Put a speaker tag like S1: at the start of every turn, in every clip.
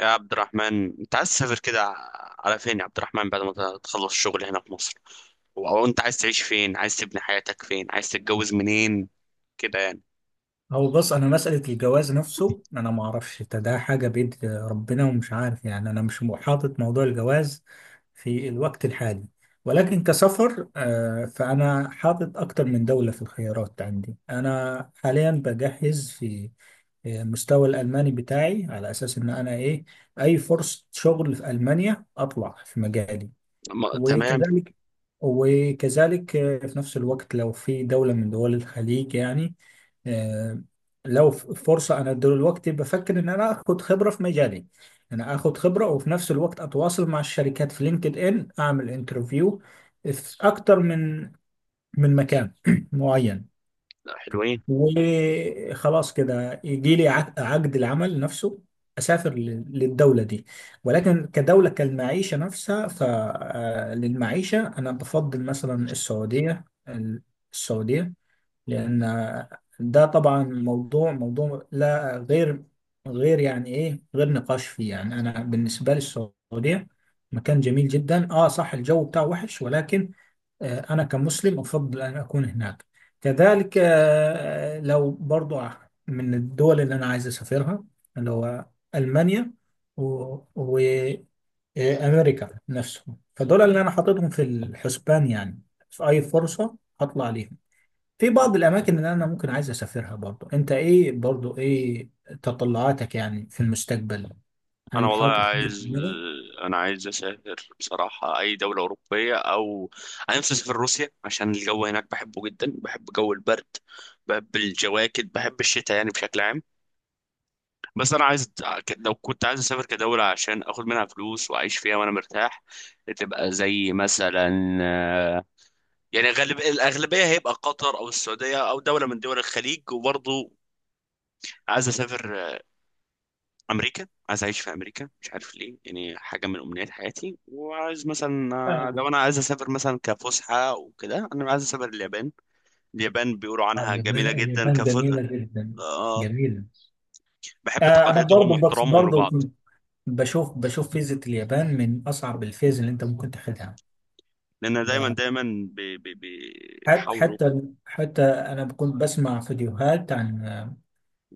S1: يا عبد الرحمن، انت عايز تسافر كده على فين يا عبد الرحمن، بعد ما تخلص الشغل هنا في مصر او انت عايز تعيش فين؟ عايز تبني حياتك فين؟ عايز تتجوز منين كده يعني؟
S2: هو بص، انا مسألة الجواز نفسه، انا ما اعرفش. ده حاجة بيد ربنا ومش عارف. يعني انا مش حاطط موضوع الجواز في الوقت الحالي، ولكن كسفر فانا حاطط اكتر من دولة في الخيارات عندي. انا حاليا بجهز في مستوى الالماني بتاعي، على اساس ان انا ايه، اي فرصة شغل في المانيا اطلع في مجالي.
S1: تمام.
S2: وكذلك وكذلك، في نفس الوقت لو في دولة من دول الخليج يعني، آه، لو فرصة. أنا دلوقتي بفكر إن أنا آخد خبرة في مجالي، أنا آخد خبرة وفي نفس الوقت أتواصل مع الشركات في لينكد إن، أعمل انترفيو في أكتر من مكان معين،
S1: حلوين.
S2: وخلاص كده يجي لي عقد العمل نفسه، اسافر للدوله دي. ولكن كدوله كالمعيشه نفسها، فللمعيشه انا بفضل مثلا السعوديه. السعوديه لان ده طبعا موضوع، لا غير، غير يعني ايه، غير نقاش فيه. يعني انا بالنسبه لي السعوديه مكان جميل جدا. اه صح، الجو بتاعه وحش، ولكن أنا كمسلم أفضل أن أكون هناك. كذلك لو برضو من الدول اللي أنا عايز أسافرها، اللي هو ألمانيا وأمريكا نفسهم، فدول اللي أنا حاططهم في الحسبان، يعني في أي فرصة هطلع ليهم. في بعض الأماكن اللي أنا ممكن عايز أسافرها برضو. أنت إيه برضو، إيه تطلعاتك يعني في المستقبل؟
S1: انا
S2: هل
S1: والله
S2: حاطط حاجة في
S1: عايز
S2: دماغك؟
S1: انا عايز اسافر بصراحة اي دولة اوروبية، او انا نفسي اسافر روسيا عشان الجو هناك بحبه جدا، بحب جو البرد، بحب الجواكت، بحب الشتاء يعني بشكل عام. بس انا عايز، لو كنت عايز اسافر كدولة عشان اخد منها فلوس واعيش فيها وانا مرتاح، تبقى زي مثلا، يعني غالب الاغلبية هيبقى قطر او السعودية او دولة من دول الخليج. وبرضه عايز اسافر امريكا، عايز اعيش في امريكا، مش عارف ليه، يعني حاجة من امنيات حياتي. وعايز مثلا،
S2: آه،
S1: لو انا عايز اسافر مثلا كفسحة وكده، انا عايز اسافر اليابان. اليابان بيقولوا عنها
S2: اليابان،
S1: جميلة جدا.
S2: جميلة جدا،
S1: آه،
S2: جميلة.
S1: بحب
S2: انا
S1: تقاليدهم
S2: برضو
S1: واحترامهم
S2: برضو
S1: لبعض.
S2: بشوف، فيزة اليابان من اصعب الفيز اللي انت ممكن تاخدها.
S1: لان دايما دايما
S2: حت-
S1: بيحاولوا.
S2: حتى حتى انا كنت بسمع فيديوهات عن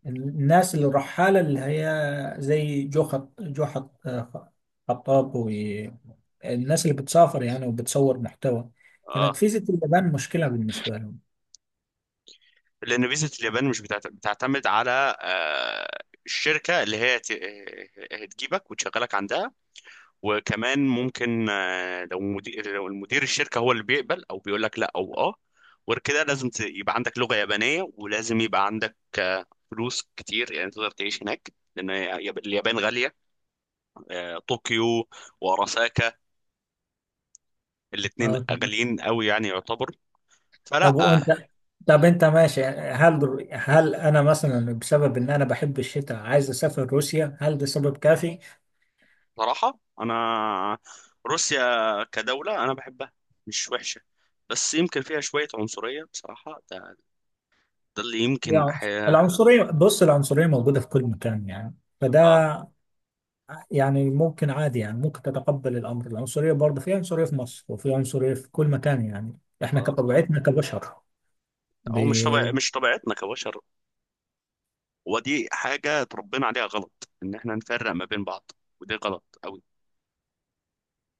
S2: الناس اللي الرحالة، اللي هي زي جو خط، خطاب، والناس اللي بتسافر يعني وبتصور محتوى، كانت
S1: اه
S2: فيزة اليابان مشكلة بالنسبة لهم.
S1: لان فيزا اليابان مش بتعتمد على آه الشركه اللي هي هتجيبك وتشغلك عندها. وكمان ممكن، لو المدير الشركه هو اللي بيقبل او بيقول لك لا. او اه غير كده لازم يبقى عندك لغه يابانيه، ولازم يبقى عندك فلوس كتير يعني تقدر تعيش هناك، لان اليابان غاليه. طوكيو وراساكا، الاتنين
S2: تمام.
S1: غاليين قوي يعني، يعتبر.
S2: طب
S1: فلا آه،
S2: وانت، طب انت ماشي، هل انا مثلا بسبب ان انا بحب الشتاء عايز اسافر روسيا، هل ده سبب كافي؟
S1: صراحة أنا روسيا كدولة أنا بحبها، مش وحشة، بس يمكن فيها شوية عنصرية بصراحة. ده اللي يمكن
S2: يعني
S1: حياة.
S2: العنصرية، بص العنصرية موجودة في كل مكان يعني،
S1: آه
S2: فده يعني ممكن عادي، يعني ممكن تتقبل الأمر. العنصرية برضه، في عنصرية في مصر وفي عنصرية في كل مكان يعني، احنا
S1: آه
S2: كطبيعتنا كبشر ب...
S1: هو مش طبيعتنا كبشر، ودي حاجة اتربينا عليها غلط، إن إحنا نفرق ما بين بعض، ودي غلط أوي.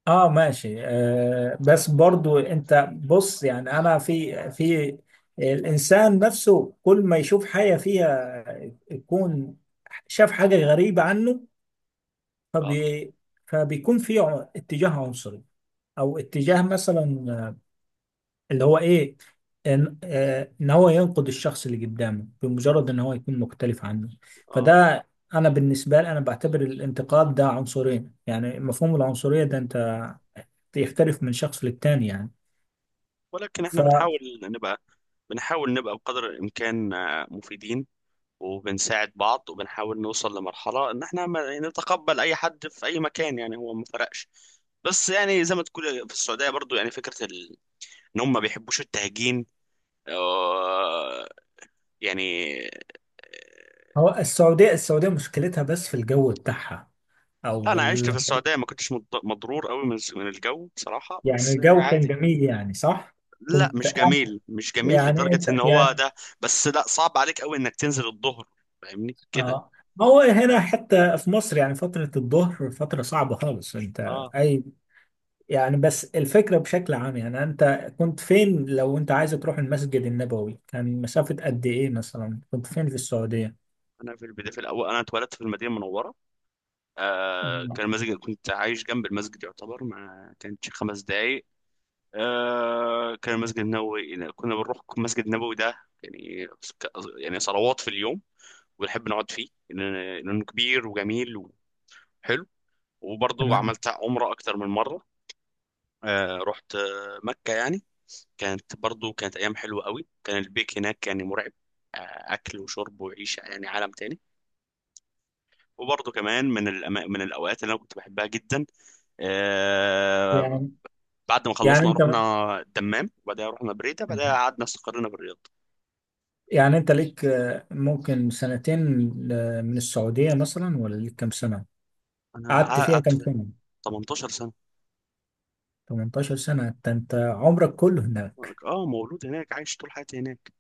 S2: اه ماشي. بس برضه انت بص، يعني انا في الانسان نفسه، كل ما يشوف حاجة فيها يكون شاف حاجة غريبة عنه،
S1: آه،
S2: فبي... فبيكون في اتجاه عنصري، او اتجاه مثلا اللي هو ايه، ان ان هو ينقد الشخص اللي قدامه
S1: آه،
S2: بمجرد ان هو يكون مختلف عنه.
S1: آه،
S2: فده انا بالنسبه لي، انا بعتبر الانتقاد ده عنصرين، يعني مفهوم العنصريه ده انت يختلف من شخص للتاني يعني،
S1: ولكن إحنا
S2: فهو
S1: بنحاول نبقى، بقدر الإمكان مفيدين، وبنساعد بعض، وبنحاول نوصل لمرحلة إن إحنا يعني نتقبل أي حد في أي مكان، يعني هو ما فرقش. بس يعني زي ما تقول في السعودية برضو، يعني فكرة إن هم ما بيحبوش التهجين، آه، يعني.
S2: السعوديه. مشكلتها بس في الجو بتاعها،
S1: لا،
S2: او
S1: أنا عشت في السعودية ما كنتش مضرور قوي من الجو بصراحة،
S2: يعني
S1: بس يعني
S2: الجو كان
S1: عادي.
S2: جميل يعني، صح؟
S1: لا،
S2: كنت
S1: مش
S2: قاعد-
S1: جميل، مش جميل
S2: يعني
S1: لدرجة
S2: انت
S1: إن هو
S2: يعني
S1: ده. بس لا، صعب عليك قوي إنك تنزل الظهر، فاهمني كده.
S2: اه، ما هو هنا حتى في مصر يعني فترة الظهر فترة صعبة خالص، انت
S1: اه.
S2: اي يعني. بس الفكرة بشكل عام، يعني أنت كنت فين، لو أنت عايز تروح المسجد النبوي كان مسافة قد إيه، مثلا كنت فين في السعودية؟
S1: انا في البدايه، في الاول، انا اتولدت في المدينه المنوره.
S2: أم،
S1: كان المسجد كنت عايش جنب المسجد يعتبر، ما كانتش 5 دقايق. كان المسجد النبوي كنا بنروح المسجد النبوي ده يعني، ك- يعني صلوات في اليوم، ونحب نقعد فيه لأنه كبير وجميل وحلو. وبرضه
S2: تمام.
S1: عملت عمرة أكتر من مرة. رحت مكة يعني، كانت برضه، كانت أيام حلوة قوي. كان البيك هناك يعني مرعب. آه أكل وشرب وعيشة، يعني عالم تاني. وبرضه كمان من الأوقات اللي أنا كنت بحبها جدا. آه،
S2: يعني
S1: بعد ما خلصنا رحنا
S2: أنت،
S1: الدمام، وبعدها رحنا بريدة، بعدها قعدنا استقرينا بالرياض.
S2: يعني أنت ليك ممكن سنتين من السعودية مثلا، ولا ليك كام سنة؟
S1: انا
S2: قعدت فيها
S1: قعدت
S2: كام سنة؟
S1: 18 سنة.
S2: 18 سنة؟ أنت عمرك كله هناك؟
S1: اه، مولود هناك، عايش طول حياتي هناك.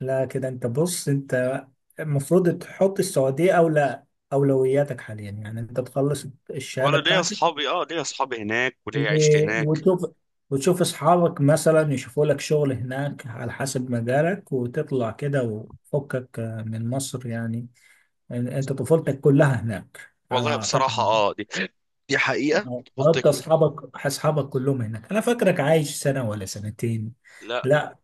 S2: لا كده أنت بص، أنت المفروض تحط السعودية أولى أولوياتك حاليا. يعني أنت تخلص
S1: وانا
S2: الشهادة
S1: ليا
S2: بتاعتك،
S1: اصحابي اه ليا اصحابي هناك، وليا عيشتي هناك.
S2: وتشوف، اصحابك مثلا يشوفوا لك شغل هناك على حسب مجالك، وتطلع كده وفكك من مصر يعني. انت طفولتك كلها هناك انا
S1: والله بصراحة،
S2: اعتقد،
S1: دي حقيقة طفولتي
S2: حتى
S1: كلها.
S2: اصحابك، كلهم هناك. انا فاكرك عايش سنة ولا سنتين؟
S1: لا،
S2: لا،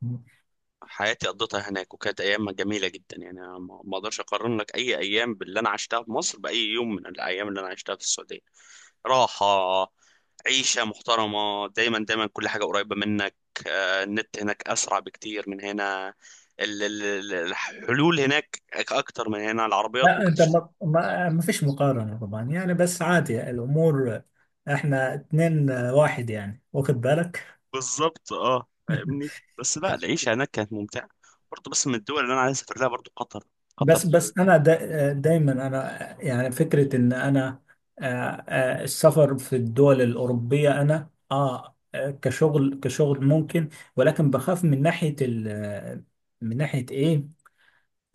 S1: حياتي قضيتها هناك وكانت ايام جميله جدا، يعني أنا ما اقدرش اقارن لك اي ايام باللي انا عشتها في مصر باي يوم من الايام اللي انا عشتها في السعوديه. راحه، عيشه محترمه، دايما دايما كل حاجه قريبه منك. النت هناك اسرع بكتير من هنا. الحلول هناك اكتر من هنا، العربيات ممكن
S2: انت
S1: تشتري.
S2: ما, فيش مقارنة طبعا يعني. بس عادي الامور، احنا اتنين واحد يعني، واخد بالك.
S1: بالظبط، اه، فاهمني. بس لا، العيشه هناك كانت ممتعه. برضه، بس من الدول اللي انا عايز اسافر لها برضه قطر، قطر.
S2: بس انا دا دايما، انا يعني فكره ان انا آه، السفر في الدول الاوروبيه انا اه، كشغل ممكن، ولكن بخاف من ناحيه ال، من ناحيه ايه،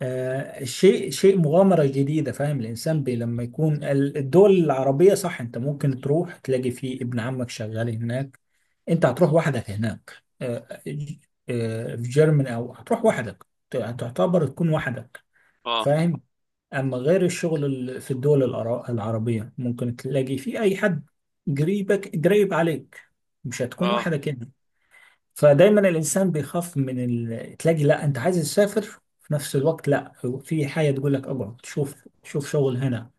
S2: آه شيء، مغامره جديده، فاهم؟ الانسان بي لما يكون الدول العربيه، صح، انت ممكن تروح تلاقي فيه ابن عمك شغال هناك. انت هتروح وحدك هناك، في جيرماني، او هتروح وحدك تعتبر، تكون وحدك،
S1: اه،
S2: فاهم؟ أما غير الشغل في الدول العربية ممكن تلاقي في أي حد قريبك قريب عليك، مش هتكون
S1: اه،
S2: واحدة كده. فدايما الإنسان بيخاف من تلاقي لا أنت عايز تسافر، في نفس الوقت لا، في حاجة تقول لك اقعد شوف، شغل هنا.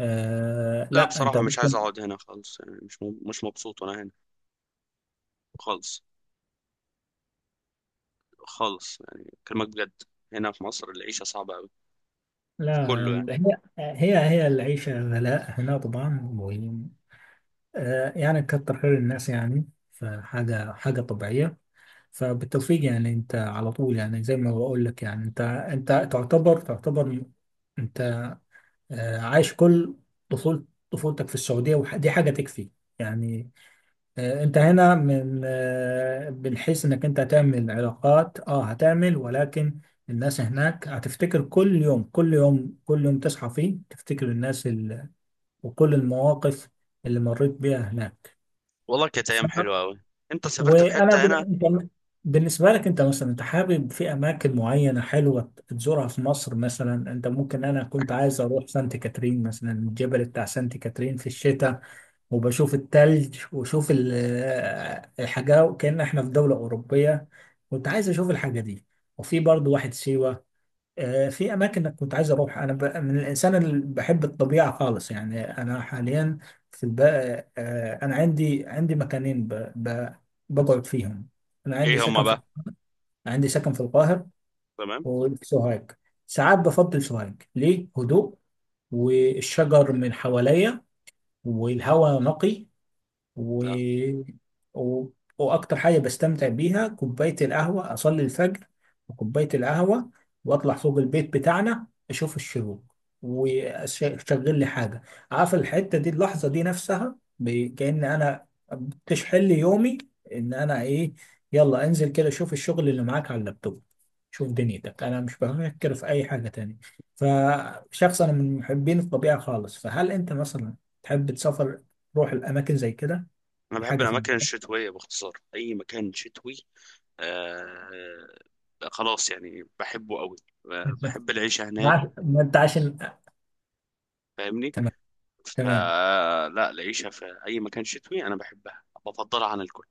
S2: آه،
S1: لا،
S2: لا أنت
S1: بصراحة مش عايز
S2: ممكن.
S1: أقعد هنا خالص، يعني مش مبسوط وأنا هنا خالص. خالص يعني، كلمة بجد، هنا في مصر العيشة صعبة أوي، في
S2: لا،
S1: كله يعني.
S2: هي العيشة غلاء هنا طبعا و... آه يعني كتر خير الناس يعني، فحاجة، طبيعية. فبالتوفيق يعني. انت على طول يعني، زي ما بقول لك يعني، انت تعتبر تعتبر، انت عايش كل طفولة، في السعودية، ودي حاجة تكفي يعني. انت هنا من بنحس انك انت هتعمل علاقات، اه هتعمل، ولكن الناس هناك هتفتكر. كل يوم، كل يوم تصحى فيه تفتكر الناس وكل المواقف اللي مريت بيها
S1: والله كانت أيام حلوة
S2: هناك.
S1: أوي. أنت سافرت في
S2: وانا
S1: حتة
S2: بن...
S1: هنا؟
S2: انت بالنسبه لك انت مثلا، انت حابب في اماكن معينه حلوه تزورها في مصر مثلا؟ انت ممكن، انا كنت عايز اروح سانت كاترين مثلا، الجبل بتاع سانت كاترين في الشتاء، وبشوف التلج وشوف الحاجه، وكأن احنا في دوله اوروبيه. كنت عايز اشوف الحاجه دي، وفي برضو واحد سيوه. في اماكن كنت عايز اروح. انا من الانسان اللي بحب الطبيعه خالص يعني. انا حاليا في الب... آه، انا عندي، مكانين بقعد فيهم. انا عندي
S1: إيه هما
S2: سكن في،
S1: بقى؟
S2: سكن في القاهره
S1: تمام.
S2: وفي سوهاج. ساعات بفضل سوهاج ليه هدوء والشجر من حواليا والهواء نقي و...
S1: أه،
S2: و... واكتر حاجه بستمتع بيها كوبايه القهوه. اصلي الفجر وكوبايه القهوه، واطلع فوق البيت بتاعنا اشوف الشروق، واشغل لي حاجه. عارف الحته دي، اللحظه دي نفسها كأن انا بتشحن لي يومي ان انا ايه، يلا انزل كده شوف الشغل اللي معاك على اللابتوب، شوف دنيتك. انا مش بفكر في اي حاجه تانية. فشخص انا من محبين الطبيعه خالص، فهل انت مثلا تحب تسافر تروح الاماكن زي كده؟
S1: أنا بحب
S2: حاجة في
S1: الأماكن الشتوية، باختصار أي مكان شتوي. آه، خلاص يعني بحبه أوي. بحب العيشة هناك،
S2: 12 مادة عشان.
S1: فاهمني.
S2: تمام. تمام
S1: فلا، العيشة في أي مكان شتوي أنا بحبها، بفضلها عن الكل.